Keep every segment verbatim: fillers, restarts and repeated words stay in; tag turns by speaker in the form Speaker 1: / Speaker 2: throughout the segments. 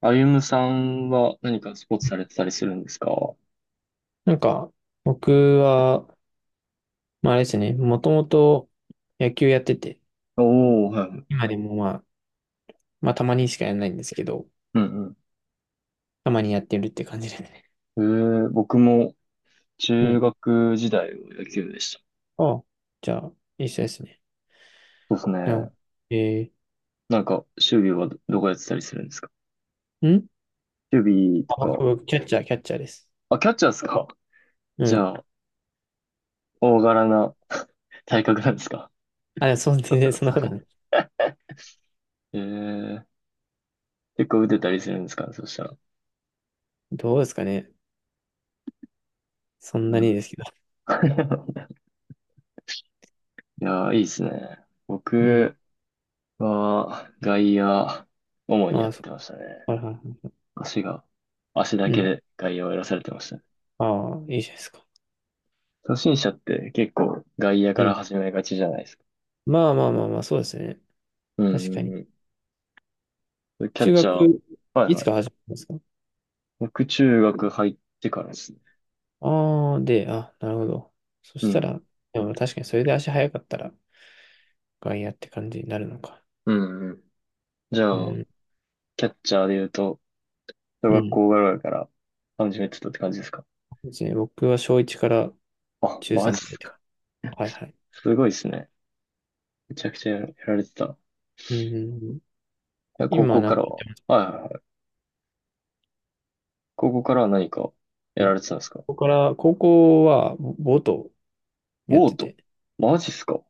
Speaker 1: あゆむさんは何かスポーツされてたりするんですかお
Speaker 2: なんか、僕は、まああれですね、もともと野球やってて、
Speaker 1: おー、はいはい。
Speaker 2: 今でもまあ、まあたまにしかやらないんですけど、
Speaker 1: うん
Speaker 2: たまにやってるって感じですね。
Speaker 1: うん。えー、僕も
Speaker 2: う
Speaker 1: 中
Speaker 2: ん。
Speaker 1: 学時代は野球でした。
Speaker 2: ああ、じゃあ、一緒ですね。
Speaker 1: そうです
Speaker 2: う
Speaker 1: ね。
Speaker 2: ん。え
Speaker 1: なんか、守備はど、どこやってたりするんですか？
Speaker 2: ー、ん
Speaker 1: 守備と
Speaker 2: あ、僕、
Speaker 1: か。
Speaker 2: 僕、キャッチャー、キャッチャーです。
Speaker 1: あ、キャッチャーですか？
Speaker 2: う
Speaker 1: じ
Speaker 2: ん。
Speaker 1: ゃあ、大柄な 体格なんですか？
Speaker 2: あ、でもそう、全然そんなことない。
Speaker 1: えー、結構打てたりするんですかねそしたら。
Speaker 2: どうですかね。そんな
Speaker 1: う
Speaker 2: に
Speaker 1: ん。
Speaker 2: ですけど。
Speaker 1: いやー、いいですね。
Speaker 2: うん。
Speaker 1: 僕は外野、主に
Speaker 2: あ
Speaker 1: や
Speaker 2: あ、
Speaker 1: っ
Speaker 2: そっ
Speaker 1: てましたね。
Speaker 2: か。はいはいはい。
Speaker 1: 足が、足だ
Speaker 2: う
Speaker 1: け
Speaker 2: ん。
Speaker 1: で外野をやらされてましたね。
Speaker 2: ああ、いいじゃないですか。
Speaker 1: 初心者って結構外野
Speaker 2: う
Speaker 1: から
Speaker 2: ん。
Speaker 1: 始めがちじゃないですか。
Speaker 2: まあまあまあまあ、そうですね。
Speaker 1: う
Speaker 2: 確か
Speaker 1: ん
Speaker 2: に。
Speaker 1: うんうん。キャッ
Speaker 2: 中
Speaker 1: チャー、
Speaker 2: 学、
Speaker 1: はい
Speaker 2: いつ
Speaker 1: はい。
Speaker 2: から始めたんですか？
Speaker 1: 僕中学入ってからですね。
Speaker 2: ああ、で、あ、なるほど。そ
Speaker 1: う
Speaker 2: した
Speaker 1: ん。
Speaker 2: ら、でも確かにそれで足早かったら外野って感じになるのか。
Speaker 1: うんうん。じゃ
Speaker 2: う
Speaker 1: あ、
Speaker 2: ん、
Speaker 1: キャッチャーで言うと、小
Speaker 2: う
Speaker 1: 学
Speaker 2: ん。
Speaker 1: 校ぐらいから始めてたって感じですか？
Speaker 2: そうですね。僕は小いちから
Speaker 1: あ、
Speaker 2: 中
Speaker 1: マ
Speaker 2: さん
Speaker 1: ジっ
Speaker 2: まで
Speaker 1: す
Speaker 2: で。
Speaker 1: か。
Speaker 2: はいはい。
Speaker 1: すごいですね。めちゃくちゃやられてた。い
Speaker 2: うん、うんうん。
Speaker 1: や、高
Speaker 2: 今、
Speaker 1: 校
Speaker 2: な
Speaker 1: か
Speaker 2: んか、
Speaker 1: らは、はいはいはい。高校からは何かや
Speaker 2: うん。
Speaker 1: ら
Speaker 2: こ
Speaker 1: れてたんですか？
Speaker 2: こから、高校はボボートやっ
Speaker 1: ボ
Speaker 2: て
Speaker 1: ート。
Speaker 2: て、
Speaker 1: マジっすか。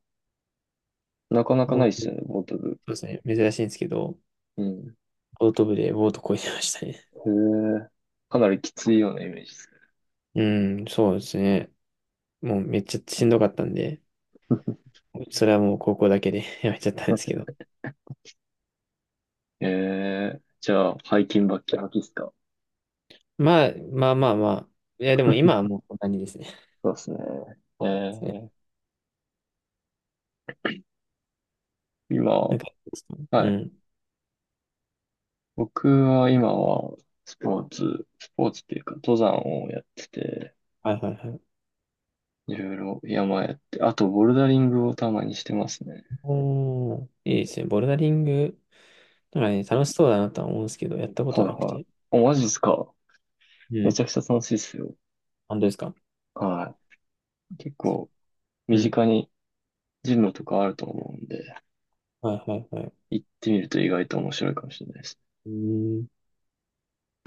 Speaker 1: なかなか
Speaker 2: ボ
Speaker 1: な
Speaker 2: ー
Speaker 1: い
Speaker 2: ト、
Speaker 1: っす
Speaker 2: そ
Speaker 1: よね、ボート部。
Speaker 2: うですね。珍しいんですけど、
Speaker 1: うん。
Speaker 2: ボート部でボート漕いでましたね。
Speaker 1: へえ。かなりきついようなイメージです
Speaker 2: うん、そうですね。もうめっちゃしんどかったんで、それはもう高校だけで やめちゃったんですけど。
Speaker 1: ね。ええ。じゃあ、背筋バッキバキですか？
Speaker 2: まあ、まあまあまあ。いや、でも今はもうこんなにですね。
Speaker 1: そうですね。え
Speaker 2: ね。
Speaker 1: え。
Speaker 2: な
Speaker 1: 今、
Speaker 2: んか、う
Speaker 1: はい。
Speaker 2: ん。
Speaker 1: 僕は今は、スポーツ、スポーツっていうか、登山をやってて、
Speaker 2: はいはいはい。
Speaker 1: いろいろ山やって、あと、ボルダリングをたまにしてますね。
Speaker 2: おー、いいですね。ボルダリング、なんかね、楽しそうだなとは思うんですけど、やったこと
Speaker 1: はい
Speaker 2: はなく
Speaker 1: はい。
Speaker 2: て。
Speaker 1: お、マジですか？
Speaker 2: う
Speaker 1: め
Speaker 2: ん。
Speaker 1: ちゃくちゃ楽しいですよ。
Speaker 2: 本当ですか？
Speaker 1: はい。結構、
Speaker 2: う
Speaker 1: 身
Speaker 2: ん。
Speaker 1: 近にジムとかあると思うんで、
Speaker 2: はいはいはい。
Speaker 1: 行ってみると意外と面白いかもしれないです。
Speaker 2: うーん。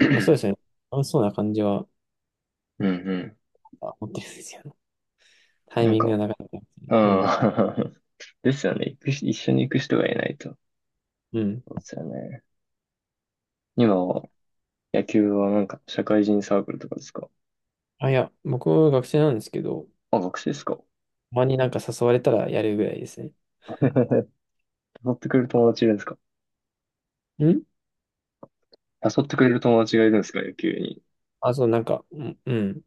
Speaker 1: う
Speaker 2: まあそうで
Speaker 1: ん
Speaker 2: すね。楽しそうな感じは
Speaker 1: うん。
Speaker 2: あ持ってるんですよね。タイ
Speaker 1: なん
Speaker 2: ミング
Speaker 1: か、
Speaker 2: がなかなか。
Speaker 1: うん。
Speaker 2: うん。
Speaker 1: ですよね。行くし、一緒に行く人がいないと。
Speaker 2: うん。
Speaker 1: そうですよね。今は、野球はなんか、社会人サークルとかですか？
Speaker 2: あ、いや、僕は学生なんですけど、
Speaker 1: あ、学生ですか？
Speaker 2: たまになんか誘われたらやるぐらいですね。
Speaker 1: 誘ってくれる友達いるんですか？
Speaker 2: うん。
Speaker 1: 誘ってくれる友達がいるんですか野球に？
Speaker 2: あ、そう、なんか、うん、うん。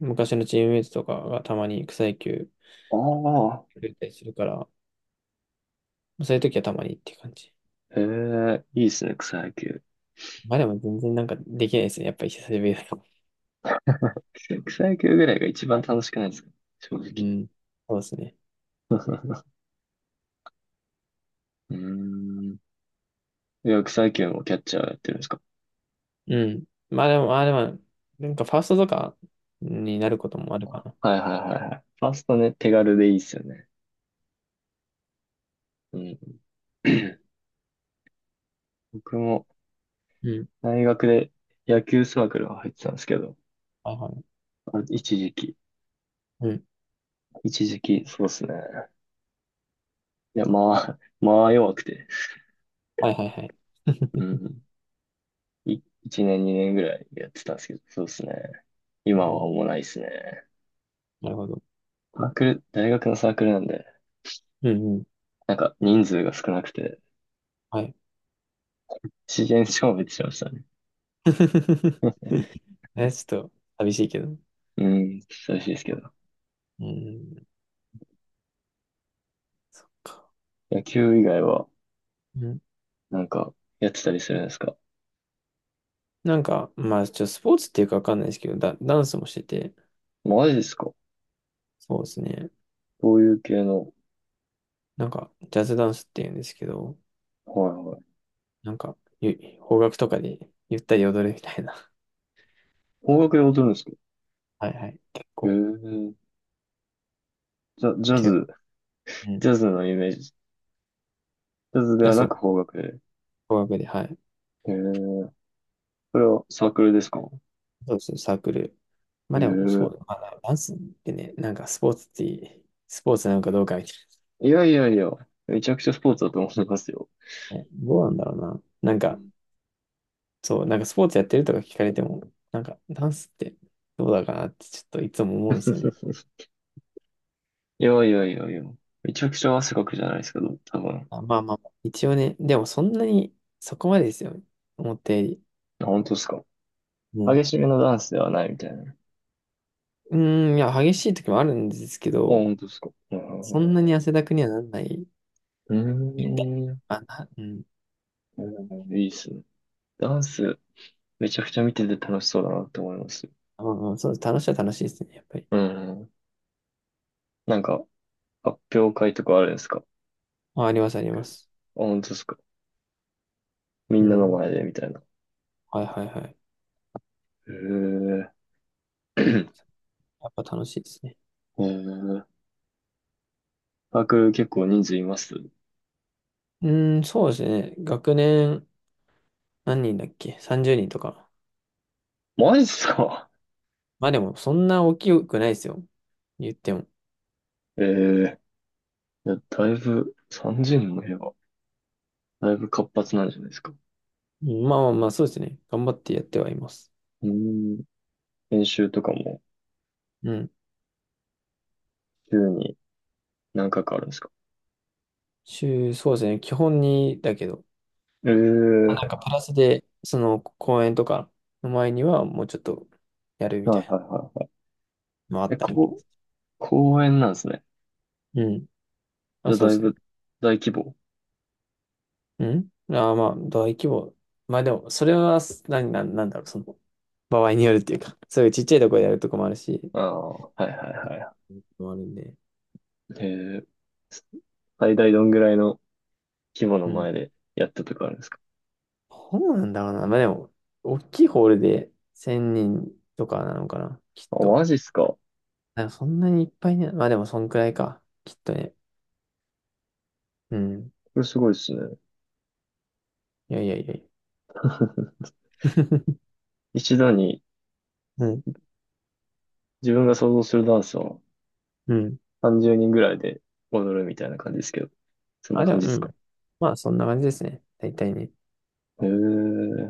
Speaker 2: 昔のチームメイトとかがたまに草野球
Speaker 1: ああ、
Speaker 2: やってたりするから、そういう時はたまにっていう感じ。
Speaker 1: へえ、いいですね、草野球。
Speaker 2: まあでも全然なんかできないですね。やっぱり久しぶりだと。
Speaker 1: 草野球ぐらいが一番楽しくないですか、正
Speaker 2: う
Speaker 1: 直。
Speaker 2: ん。そうですね。
Speaker 1: うーん。いや、草野球もキャッチャーやってるんですか？
Speaker 2: うん。まあでも、まあでも、なんかファーストとかになることもあるか
Speaker 1: あ、
Speaker 2: な。
Speaker 1: はいはいはいはい。ファーストね、手軽でいいっすよね。うん。僕も
Speaker 2: うん。
Speaker 1: 大学で野球サークルが入ってたんですけど、
Speaker 2: はいはい。
Speaker 1: あ一時期、
Speaker 2: うん。
Speaker 1: 一時期、そうですね。いや、まあ、まあ弱くて、
Speaker 2: はいはいはい。
Speaker 1: う ん、いちねん、にねんぐらいやってたんですけど、そうですね。
Speaker 2: う
Speaker 1: 今は
Speaker 2: ん。
Speaker 1: もうないですね。
Speaker 2: なるほど。
Speaker 1: サークル、大学のサークルなんで、
Speaker 2: うんうん。
Speaker 1: なんか人数が少なくて、
Speaker 2: はい。
Speaker 1: 自然消滅しましたね。
Speaker 2: え、ちょっと寂しいけど。
Speaker 1: うん、寂しいですけど。
Speaker 2: うん。そっか。
Speaker 1: 野球以外は、
Speaker 2: うん。
Speaker 1: なんか、やってたりするんですか？
Speaker 2: なんか、まあ、ちょっとスポーツっていうかわかんないですけど、ダ、ダンスもしてて、
Speaker 1: マジですか？
Speaker 2: そうですね。
Speaker 1: どういう系の？
Speaker 2: なんか、ジャズダンスっていうんですけど、
Speaker 1: はいはい。
Speaker 2: なんか、ゆ邦楽とかでゆったり踊るみたいな。
Speaker 1: 邦楽で踊るんですか？
Speaker 2: はいはい。結
Speaker 1: へ
Speaker 2: 構、
Speaker 1: え、じゃジャ
Speaker 2: 軽音。
Speaker 1: ズ
Speaker 2: うん。
Speaker 1: ジ
Speaker 2: い
Speaker 1: ャズのイメージ。ジャズで
Speaker 2: や、
Speaker 1: は
Speaker 2: そ
Speaker 1: な
Speaker 2: う。
Speaker 1: く邦楽で。
Speaker 2: 語学で、はい。
Speaker 1: えー、これはサークルですか？
Speaker 2: そうですね、サークル。
Speaker 1: え
Speaker 2: まあでも、そう
Speaker 1: ー、
Speaker 2: だな。まあダンスってね、なんかスポーツって、スポーツなのかどうかみたい
Speaker 1: いやいやいや、めちゃくちゃスポーツだと思いますよ。
Speaker 2: な。え、どうなんだろうな。なん
Speaker 1: う
Speaker 2: か、
Speaker 1: ん
Speaker 2: そう、なんかスポーツやってるとか聞かれても、なんかダンスってどうだかなってちょっといつも思うんですよね。
Speaker 1: いやいやいやいや、めちゃくちゃ汗かくじゃないですか、多分。
Speaker 2: まあまあまあ、一応ね、でもそんなにそこまでですよ。思ったより。
Speaker 1: あ、本当ですか。
Speaker 2: うん。
Speaker 1: 激しめのダンスではないみたいな。あ、
Speaker 2: うーん、いや、激しい時もあるんですけど、
Speaker 1: 本当ですか。う
Speaker 2: そ
Speaker 1: ん
Speaker 2: んなに汗だくにはなんない。
Speaker 1: うんうん。
Speaker 2: あ、な、うん。
Speaker 1: ーん、いいっすね。ダンス、めちゃくちゃ見てて楽しそうだなって思います。
Speaker 2: うんうん、そうです、楽しいは楽しいですね、やっぱり。
Speaker 1: うん。なんか、発表会とかあるんですか？
Speaker 2: あ、あります、あり
Speaker 1: あ、
Speaker 2: ます。
Speaker 1: 本当ですか。み
Speaker 2: う
Speaker 1: んなの
Speaker 2: ん。
Speaker 1: 前でみたいな。
Speaker 2: はいはいはい。
Speaker 1: へえ。え
Speaker 2: やっぱ楽しいですね。
Speaker 1: ー、把握結構人数います。
Speaker 2: うん、そうですね。学年、何人だっけ？ さんじゅう 人とか。
Speaker 1: マジっすか？
Speaker 2: まあでも、そんな大きくないですよ。言っても。
Speaker 1: ええ、いや、だいぶ、さんにんの部屋は、だいぶ活発なんじゃないですか。
Speaker 2: うん。まあまあまあ、そうですね。頑張ってやってはいます。
Speaker 1: うーん、練習とかも、
Speaker 2: うん。
Speaker 1: 週に何回かあるんですか？
Speaker 2: 週、そうですね。基本に、だけど、まあ
Speaker 1: え
Speaker 2: な
Speaker 1: え、
Speaker 2: んかプラスで、その公演とかの前には、もうちょっとやるみ
Speaker 1: は
Speaker 2: たい
Speaker 1: い
Speaker 2: な
Speaker 1: はいはいは
Speaker 2: のもあ
Speaker 1: い。え、
Speaker 2: ったり。
Speaker 1: こう、公園なんですね。
Speaker 2: うん。ま
Speaker 1: じ
Speaker 2: あ、
Speaker 1: ゃあ、
Speaker 2: そう
Speaker 1: だ
Speaker 2: で
Speaker 1: い
Speaker 2: すね。
Speaker 1: ぶ、大規模。
Speaker 2: んああー、まあ、大規模。まあでも、それは、何な、な、なんだろう、その、場合によるっていうか、そういうちっちゃいとこでやるとこもあるし、
Speaker 1: ああ、はいはいは
Speaker 2: もあるんで。
Speaker 1: い。ええ、最大どんぐらいの規模の
Speaker 2: うん。
Speaker 1: 前でやったとかあるんですか？
Speaker 2: どうなんだろうな。まあでも、大きいホールでせんにんとかなのかな、きっ
Speaker 1: あ、
Speaker 2: と。
Speaker 1: マジっすか、こ
Speaker 2: あそんなにいっぱいね。まあでも、そんくらいか、きっとね。うん。
Speaker 1: れすごいっすね。
Speaker 2: いやいやいやいや。
Speaker 1: 一度に
Speaker 2: うん。
Speaker 1: 自分が想像するダンスは
Speaker 2: うん。
Speaker 1: さんじゅうにんぐらいで踊るみたいな感じですけど、そんな
Speaker 2: あ、で
Speaker 1: 感
Speaker 2: も、
Speaker 1: じ
Speaker 2: う
Speaker 1: ですか。
Speaker 2: ん。まあ、そんな感じですね。大体ね。
Speaker 1: へえ。う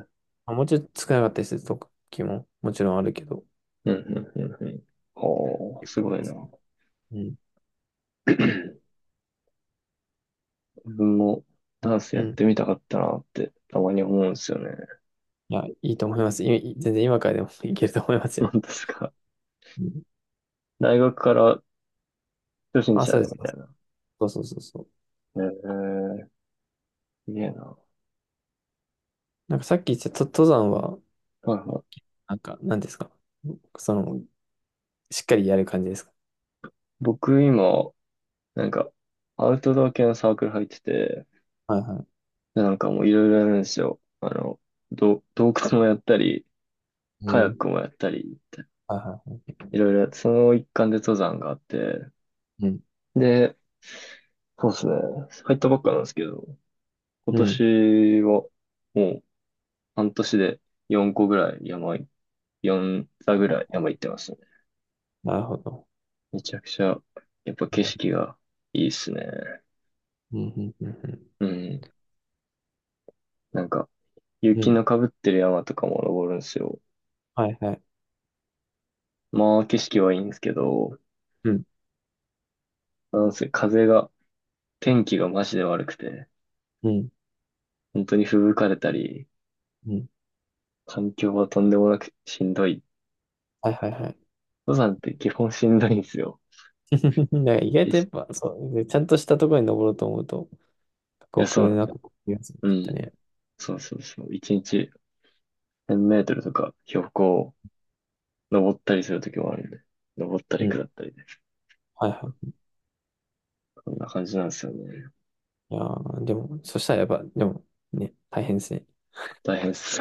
Speaker 1: ん、
Speaker 2: まあ、もうちょっと少なかったりする時も、もちろんあるけど。っ
Speaker 1: うん、うん、うん。おー、
Speaker 2: て
Speaker 1: す
Speaker 2: 感
Speaker 1: ごい
Speaker 2: じで
Speaker 1: な。
Speaker 2: すね。うん。
Speaker 1: 自分もダンスや
Speaker 2: う
Speaker 1: っ
Speaker 2: ん。
Speaker 1: てみたかったなってたまに思うんですよね。
Speaker 2: いや、いいと思います。い全然今からでも いけると思いますよ。
Speaker 1: 本当ですか。
Speaker 2: うん。
Speaker 1: 大学から初心
Speaker 2: あ、
Speaker 1: 者
Speaker 2: そうで
Speaker 1: で
Speaker 2: す。
Speaker 1: みたいな。
Speaker 2: そうそうそうそう。
Speaker 1: へえ、すげえな。
Speaker 2: なんかさっき言ってたと登山は、
Speaker 1: はいはい。
Speaker 2: なんか、何ですか？その、しっかりやる感じですか？
Speaker 1: 僕今、なんか、アウトドア系のサークル入ってて、
Speaker 2: はいは
Speaker 1: でなんかもういろいろやるんですよ。あの、ど洞窟もやったり、
Speaker 2: い。
Speaker 1: カヤ
Speaker 2: え
Speaker 1: ッ
Speaker 2: ー、
Speaker 1: クもやったり、
Speaker 2: はいは
Speaker 1: いろいろやって、その一環で登山があって、
Speaker 2: い。うん。
Speaker 1: で、そうですね。入ったばっかなんですけど、今
Speaker 2: うん。
Speaker 1: 年はもう半年でよんこぐらい山い、よん座ぐらい山行ってますね。
Speaker 2: なるほど。
Speaker 1: めちゃくちゃ、やっぱ
Speaker 2: う
Speaker 1: 景
Speaker 2: ん。
Speaker 1: 色がいいっすね。
Speaker 2: うん。うん。
Speaker 1: うん。なんか、
Speaker 2: うん。う
Speaker 1: 雪
Speaker 2: ん。
Speaker 1: の被ってる山とかも登るんですよ。
Speaker 2: はいはい。
Speaker 1: まあ、景色はいいんですけど、
Speaker 2: うん。
Speaker 1: なんせ風が、天気がマジで悪くて、
Speaker 2: うん。
Speaker 1: 本当に吹雪かれたり、
Speaker 2: うん。
Speaker 1: 環境はとんでもなくしんどい。
Speaker 2: はいはいはい。
Speaker 1: 登山って基本しんどいんですよ。
Speaker 2: なんか意外とやっぱ、そう、ちゃんとしたところに登ろうと思うと、過
Speaker 1: いや、そ
Speaker 2: 酷
Speaker 1: う、
Speaker 2: なこと言りますね、
Speaker 1: う
Speaker 2: きっと
Speaker 1: ん。
Speaker 2: ね。
Speaker 1: そうそうそう。一日せんメートルとか標高を登ったりするときもあるんで。登った
Speaker 2: う
Speaker 1: り
Speaker 2: ん。
Speaker 1: 下ったりで。
Speaker 2: はいはい。
Speaker 1: こんな感じなんですよね。
Speaker 2: いやーでも、そしたらやっぱ、でも、ね、大変ですね。
Speaker 1: 大変っす。